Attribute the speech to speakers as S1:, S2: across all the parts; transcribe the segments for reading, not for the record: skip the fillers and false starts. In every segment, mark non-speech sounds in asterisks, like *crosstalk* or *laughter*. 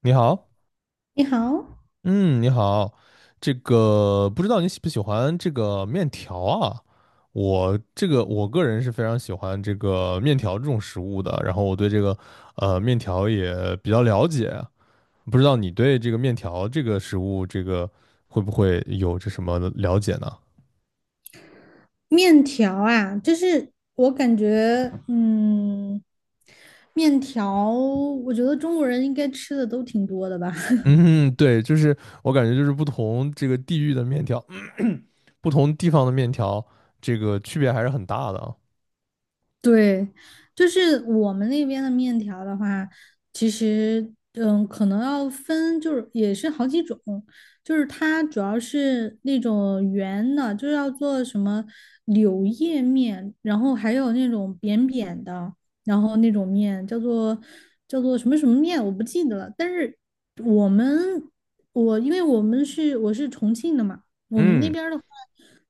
S1: 你好，
S2: 你好。
S1: 嗯，你好，这个不知道你喜不喜欢这个面条啊？我个人是非常喜欢这个面条这种食物的，然后我对这个面条也比较了解，不知道你对这个面条这个食物这个会不会有这什么的了解呢？
S2: 面条啊，就是我感觉，面条，我觉得中国人应该吃的都挺多的吧。*laughs*
S1: 嗯，对，就是我感觉就是不同这个地域的面条，*clears throat* 不同地方的面条，这个区别还是很大的啊。
S2: 对，就是我们那边的面条的话，其实可能要分，就是也是好几种，就是它主要是那种圆的，就是要做什么柳叶面，然后还有那种扁扁的，然后那种面叫做什么面，我不记得了。但是我们我因为我是重庆的嘛。我们那
S1: 嗯。
S2: 边儿的话，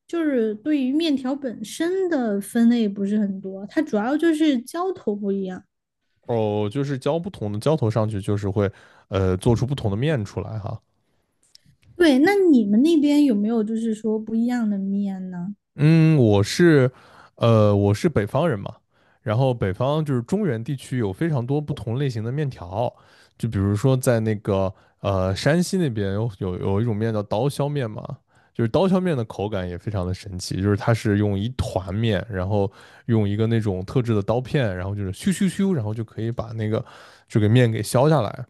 S2: 就是对于面条本身的分类不是很多，它主要就是浇头不一样。
S1: 哦，就是浇不同的浇头上去，就是会做出不同的面出来哈。
S2: 对，那你们那边有没有就是说不一样的面呢？
S1: 嗯，我是北方人嘛，然后北方就是中原地区有非常多不同类型的面条，就比如说在那个山西那边有一种面叫刀削面嘛。就是刀削面的口感也非常的神奇，就是它是用一团面，然后用一个那种特制的刀片，然后就是咻咻咻，然后就可以把那个这个面给削下来，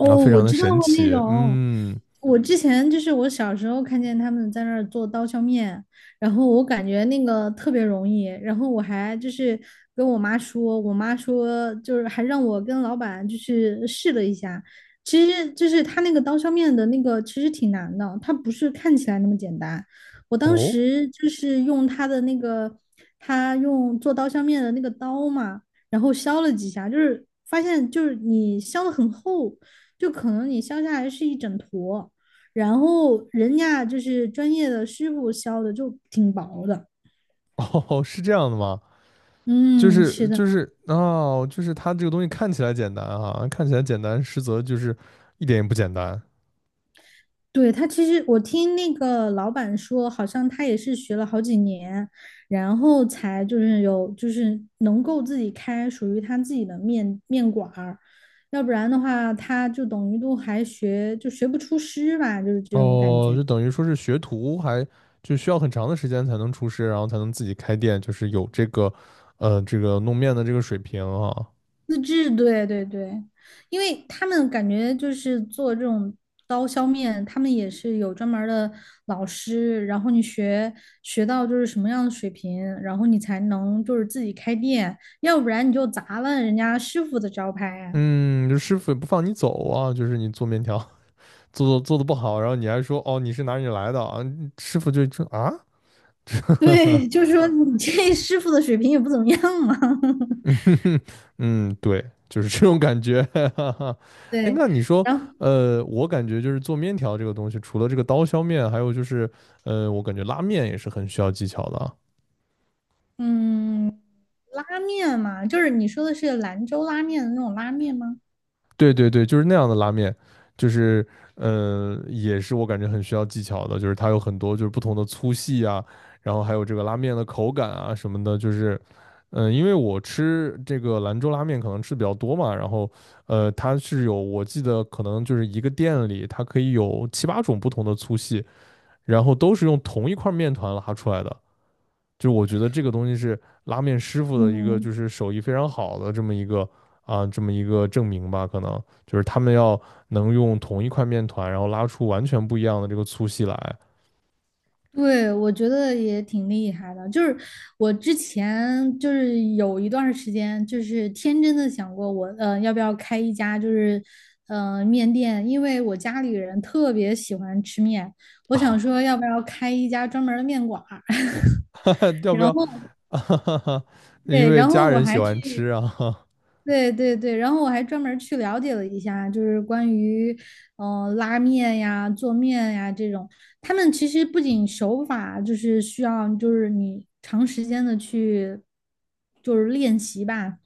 S1: 然后非
S2: 我
S1: 常的
S2: 知道
S1: 神
S2: 过那
S1: 奇。
S2: 种。
S1: 嗯，
S2: 我之前就是我小时候看见他们在那儿做刀削面，然后我感觉那个特别容易，然后我还就是跟我妈说，我妈说就是还让我跟老板就是试了一下，其实就是他那个刀削面的那个其实挺难的，它不是看起来那么简单。我当
S1: 哦
S2: 时就是用他的那个，他用做刀削面的那个刀嘛。然后削了几下，就是发现就是你削的很厚，就可能你削下来是一整坨，然后人家就是专业的师傅削的就挺薄的。
S1: 哦，是这样的吗？就
S2: 嗯，
S1: 是
S2: 是的。
S1: 就是哦，就是它这个东西看起来简单啊，看起来简单，实则就是一点也不简单。
S2: 对，他其实我听那个老板说，好像他也是学了好几年，然后才就是有就是能够自己开属于他自己的面馆儿，要不然的话，他就等于都还学不出师吧，就是这种感
S1: 哦，
S2: 觉。
S1: 就等于说是学徒还就需要很长的时间才能出师，然后才能自己开店，就是有这个弄面的这个水平啊。
S2: 自制，对对对，因为他们感觉就是做这种刀削面，他们也是有专门儿的老师，然后你学到就是什么样的水平，然后你才能就是自己开店，要不然你就砸了人家师傅的招牌啊。
S1: 嗯，就师傅也不放你走啊，就是你做面条做的不好，然后你还说哦你是哪里来的啊，嗯师傅就啊，
S2: *laughs* 对，
S1: *laughs*
S2: 就是说你这师傅的水平也不怎么样嘛。*laughs*
S1: *laughs* 嗯，对，就是这种感觉。*laughs* 哎，
S2: 对，
S1: 那你说，
S2: 然后
S1: 我感觉就是做面条这个东西，除了这个刀削面，还有就是，我感觉拉面也是很需要技巧的啊。
S2: 嗯，拉面嘛，就是你说的是兰州拉面的那种拉面吗？
S1: 对对对，就是那样的拉面，就是也是我感觉很需要技巧的，就是它有很多就是不同的粗细啊，然后还有这个拉面的口感啊什么的，就是因为我吃这个兰州拉面可能吃比较多嘛，然后它是有我记得可能就是一个店里它可以有七八种不同的粗细，然后都是用同一块面团拉出来的，就是我觉得这个东西是拉面师傅的一个就
S2: 嗯。
S1: 是手艺非常好的这么一个证明吧，可能就是他们要能用同一块面团，然后拉出完全不一样的这个粗细来。
S2: 对，我觉得也挺厉害的。就是我之前就是有一段时间，就是天真的想过我，要不要开一家就是，面店？因为我家里人特别喜欢吃面，我想
S1: 啊，
S2: 说要不要开一家专门儿的面馆儿。*laughs*
S1: *laughs* 要不要？*laughs* 因
S2: 对，
S1: 为
S2: 然
S1: 家
S2: 后我
S1: 人喜
S2: 还去
S1: 欢吃啊，
S2: 对对对，然后我还专门儿去了解了一下，就是关于拉面呀、做面呀这种，他们其实不仅手法就是需要，就是你长时间的去就是练习吧。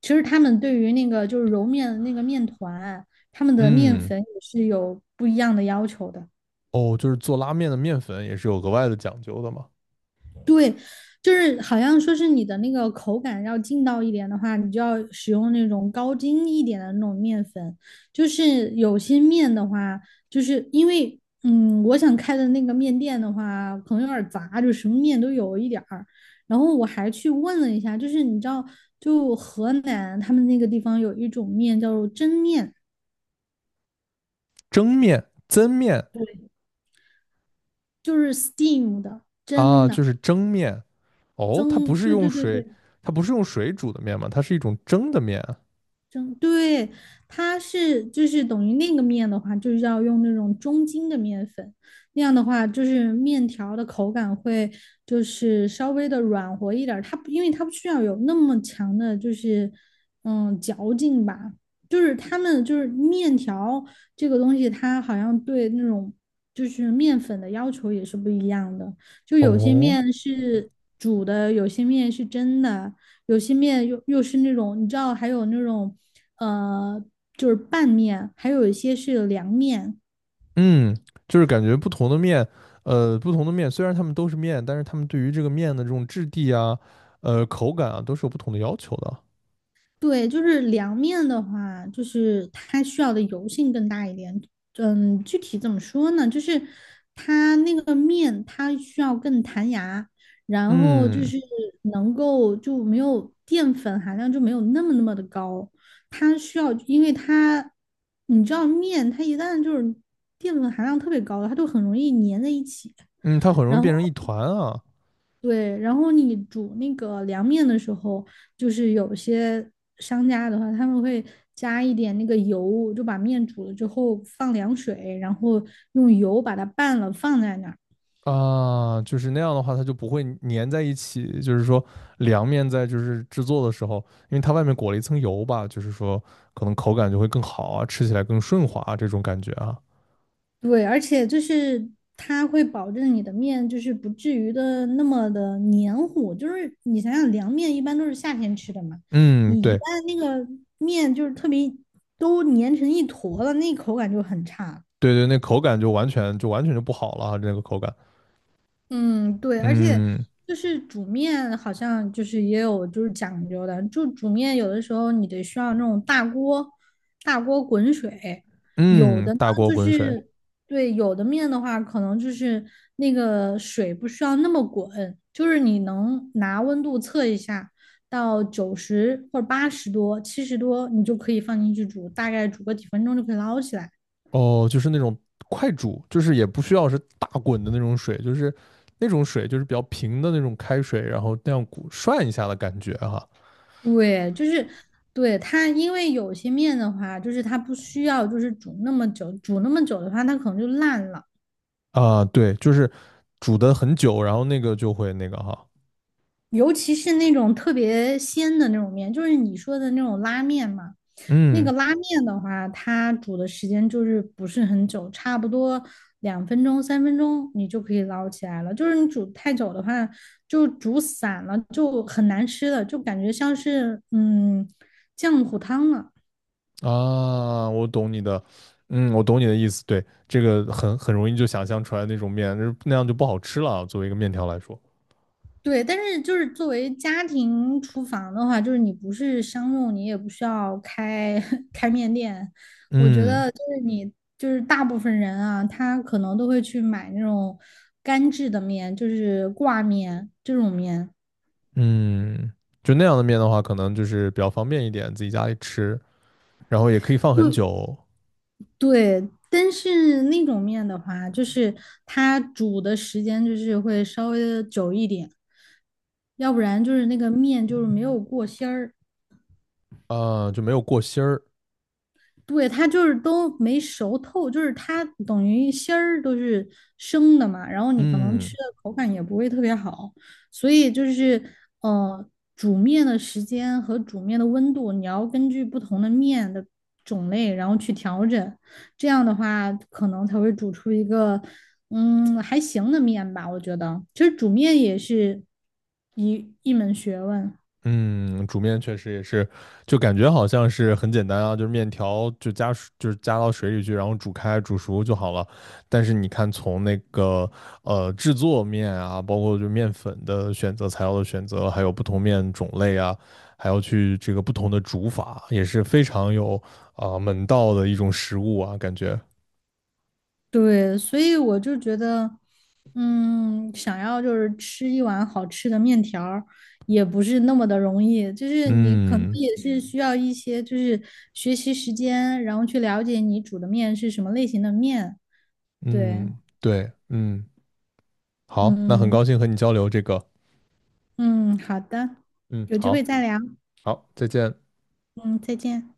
S2: 其实他们对于那个就是揉面的那个面团，他们的面
S1: 嗯，
S2: 粉也是有不一样的要求的。
S1: 哦，就是做拉面的面粉也是有额外的讲究的嘛，
S2: 对，就是好像说是你的那个口感要劲道一点的话，你就要使用那种高筋一点的那种面粉。就是有些面的话，就是因为我想开的那个面店的话，可能有点杂，就什么面都有一点儿。然后我还去问了一下，就是你知道，就河南他们那个地方有一种面叫做蒸面，
S1: 蒸面、蒸面。
S2: 就是 steam 的蒸
S1: 啊，就
S2: 的
S1: 是蒸面。哦，它
S2: 蒸，
S1: 不是
S2: 对对
S1: 用
S2: 对
S1: 水，
S2: 对。
S1: 它不是用水煮的面嘛，它是一种蒸的面啊。
S2: 蒸，对，它是就是等于那个面的话，就是要用那种中筋的面粉，那样的话就是面条的口感会就是稍微的软和一点儿，它不因为它不需要有那么强的就是嚼劲吧，就是他们就是面条这个东西，它好像对那种就是面粉的要求也是不一样的，就有些
S1: 哦。
S2: 面是煮的，有些面是蒸的。有些面又是那种，你知道，还有那种呃，就是拌面，还有一些是凉面。
S1: 嗯，就是感觉不同的面，呃，不同的面，虽然它们都是面，但是它们对于这个面的这种质地啊，口感啊，都是有不同的要求的。
S2: 对，就是凉面的话，就是它需要的油性更大一点。嗯，具体怎么说呢？就是它那个面，它需要更弹牙，然后就
S1: 嗯
S2: 是能够就没有淀粉含量就没有那么的高。它需要，因为它你知道面，它一旦就是淀粉含量特别高的，它就很容易粘在一起。
S1: 嗯，它很容易
S2: 然后
S1: 变成一团啊。
S2: 对，然后你煮那个凉面的时候，就是有些商家的话，他们会加一点那个油，就把面煮了之后放凉水，然后用油把它拌了放在那儿。
S1: 啊，就是那样的话，它就不会粘在一起。就是说，凉面在就是制作的时候，因为它外面裹了一层油吧，就是说可能口感就会更好啊，吃起来更顺滑啊，这种感觉啊。
S2: 对，而且就是它会保证你的面就是不至于的那么的黏糊。就是你想想，凉面一般都是夏天吃的嘛，
S1: 嗯，
S2: 你一旦
S1: 对
S2: 那个面就是特别都粘成一坨了，那口感就很差了。
S1: 对对，那口感就完全就不好了啊，这个口感。
S2: 嗯，对，而且
S1: 嗯。
S2: 就是煮面，好像就是也有就是讲究的，就煮面有的时候你得需要那种大锅，大锅滚水，有
S1: 嗯，
S2: 的呢
S1: 大锅
S2: 就
S1: 滚水。
S2: 是对，有的面的话，可能就是那个水不需要那么滚，就是你能拿温度测一下，到九十或者八十多、七十多，你就可以放进去煮，大概煮个几分钟就可以捞起来。
S1: 哦，就是那种快煮，就是也不需要是大滚的那种水，就是那种水就是比较平的那种开水，然后那样鼓涮一下的感觉哈。
S2: 对，就是对它，因为有些面的话，就是它不需要就是煮那么久，煮那么久的话，它可能就烂了。
S1: 啊，对，就是煮的很久，然后那个就会那个哈。
S2: 尤其是那种特别鲜的那种面，就是你说的那种拉面嘛，那个
S1: 嗯
S2: 拉面的话，它煮的时间就是不是很久，差不多两分钟、三分钟你就可以捞起来了。就是你煮太久的话，就煮散了，就很难吃了，就感觉像是浆糊汤了。
S1: 啊，我懂你的意思。对，这个很容易就想象出来那种面，就是那样就不好吃了啊，作为一个面条来说。
S2: 对，但是就是作为家庭厨房的话，就是你不是商用，你也不需要开 *laughs* 开面店。我觉
S1: 嗯
S2: 得就是你就是大部分人啊，他可能都会去买那种干制的面，就是挂面这种面。
S1: 嗯，就那样的面的话，可能就是比较方便一点，自己家里吃。然后也可以放
S2: 就
S1: 很久。
S2: 对，但是那种面的话，就是它煮的时间就是会稍微的久一点，要不然就是那个面就是没有过芯儿。
S1: 啊，就没有过芯儿。
S2: 对，它就是都没熟透，就是它等于芯儿都是生的嘛，然后你可能吃
S1: 嗯
S2: 的口感也不会特别好，所以就是呃，煮面的时间和煮面的温度，你要根据不同的面的种类，然后去调整，这样的话可能才会煮出一个还行的面吧，我觉得。其实煮面也是一门学问，
S1: 嗯，煮面确实也是，就感觉好像是很简单啊，就是面条就加水，就是加到水里去，然后煮开煮熟就好了。但是你看，从那个制作面啊，包括就面粉的选择、材料的选择，还有不同面种类啊，还要去这个不同的煮法，也是非常有门道的一种食物啊，感觉。
S2: 对，所以我就觉得。嗯，想要就是吃一碗好吃的面条儿也不是那么的容易。就是你可能
S1: 嗯
S2: 也是需要一些就是学习时间，然后去了解你煮的面是什么类型的面。对，
S1: 嗯，对，嗯。好，那很高
S2: 嗯
S1: 兴和你交流这个。
S2: 嗯，好的，
S1: 嗯，
S2: 有机会
S1: 好，
S2: 再聊。
S1: 好，再见。
S2: 嗯，再见。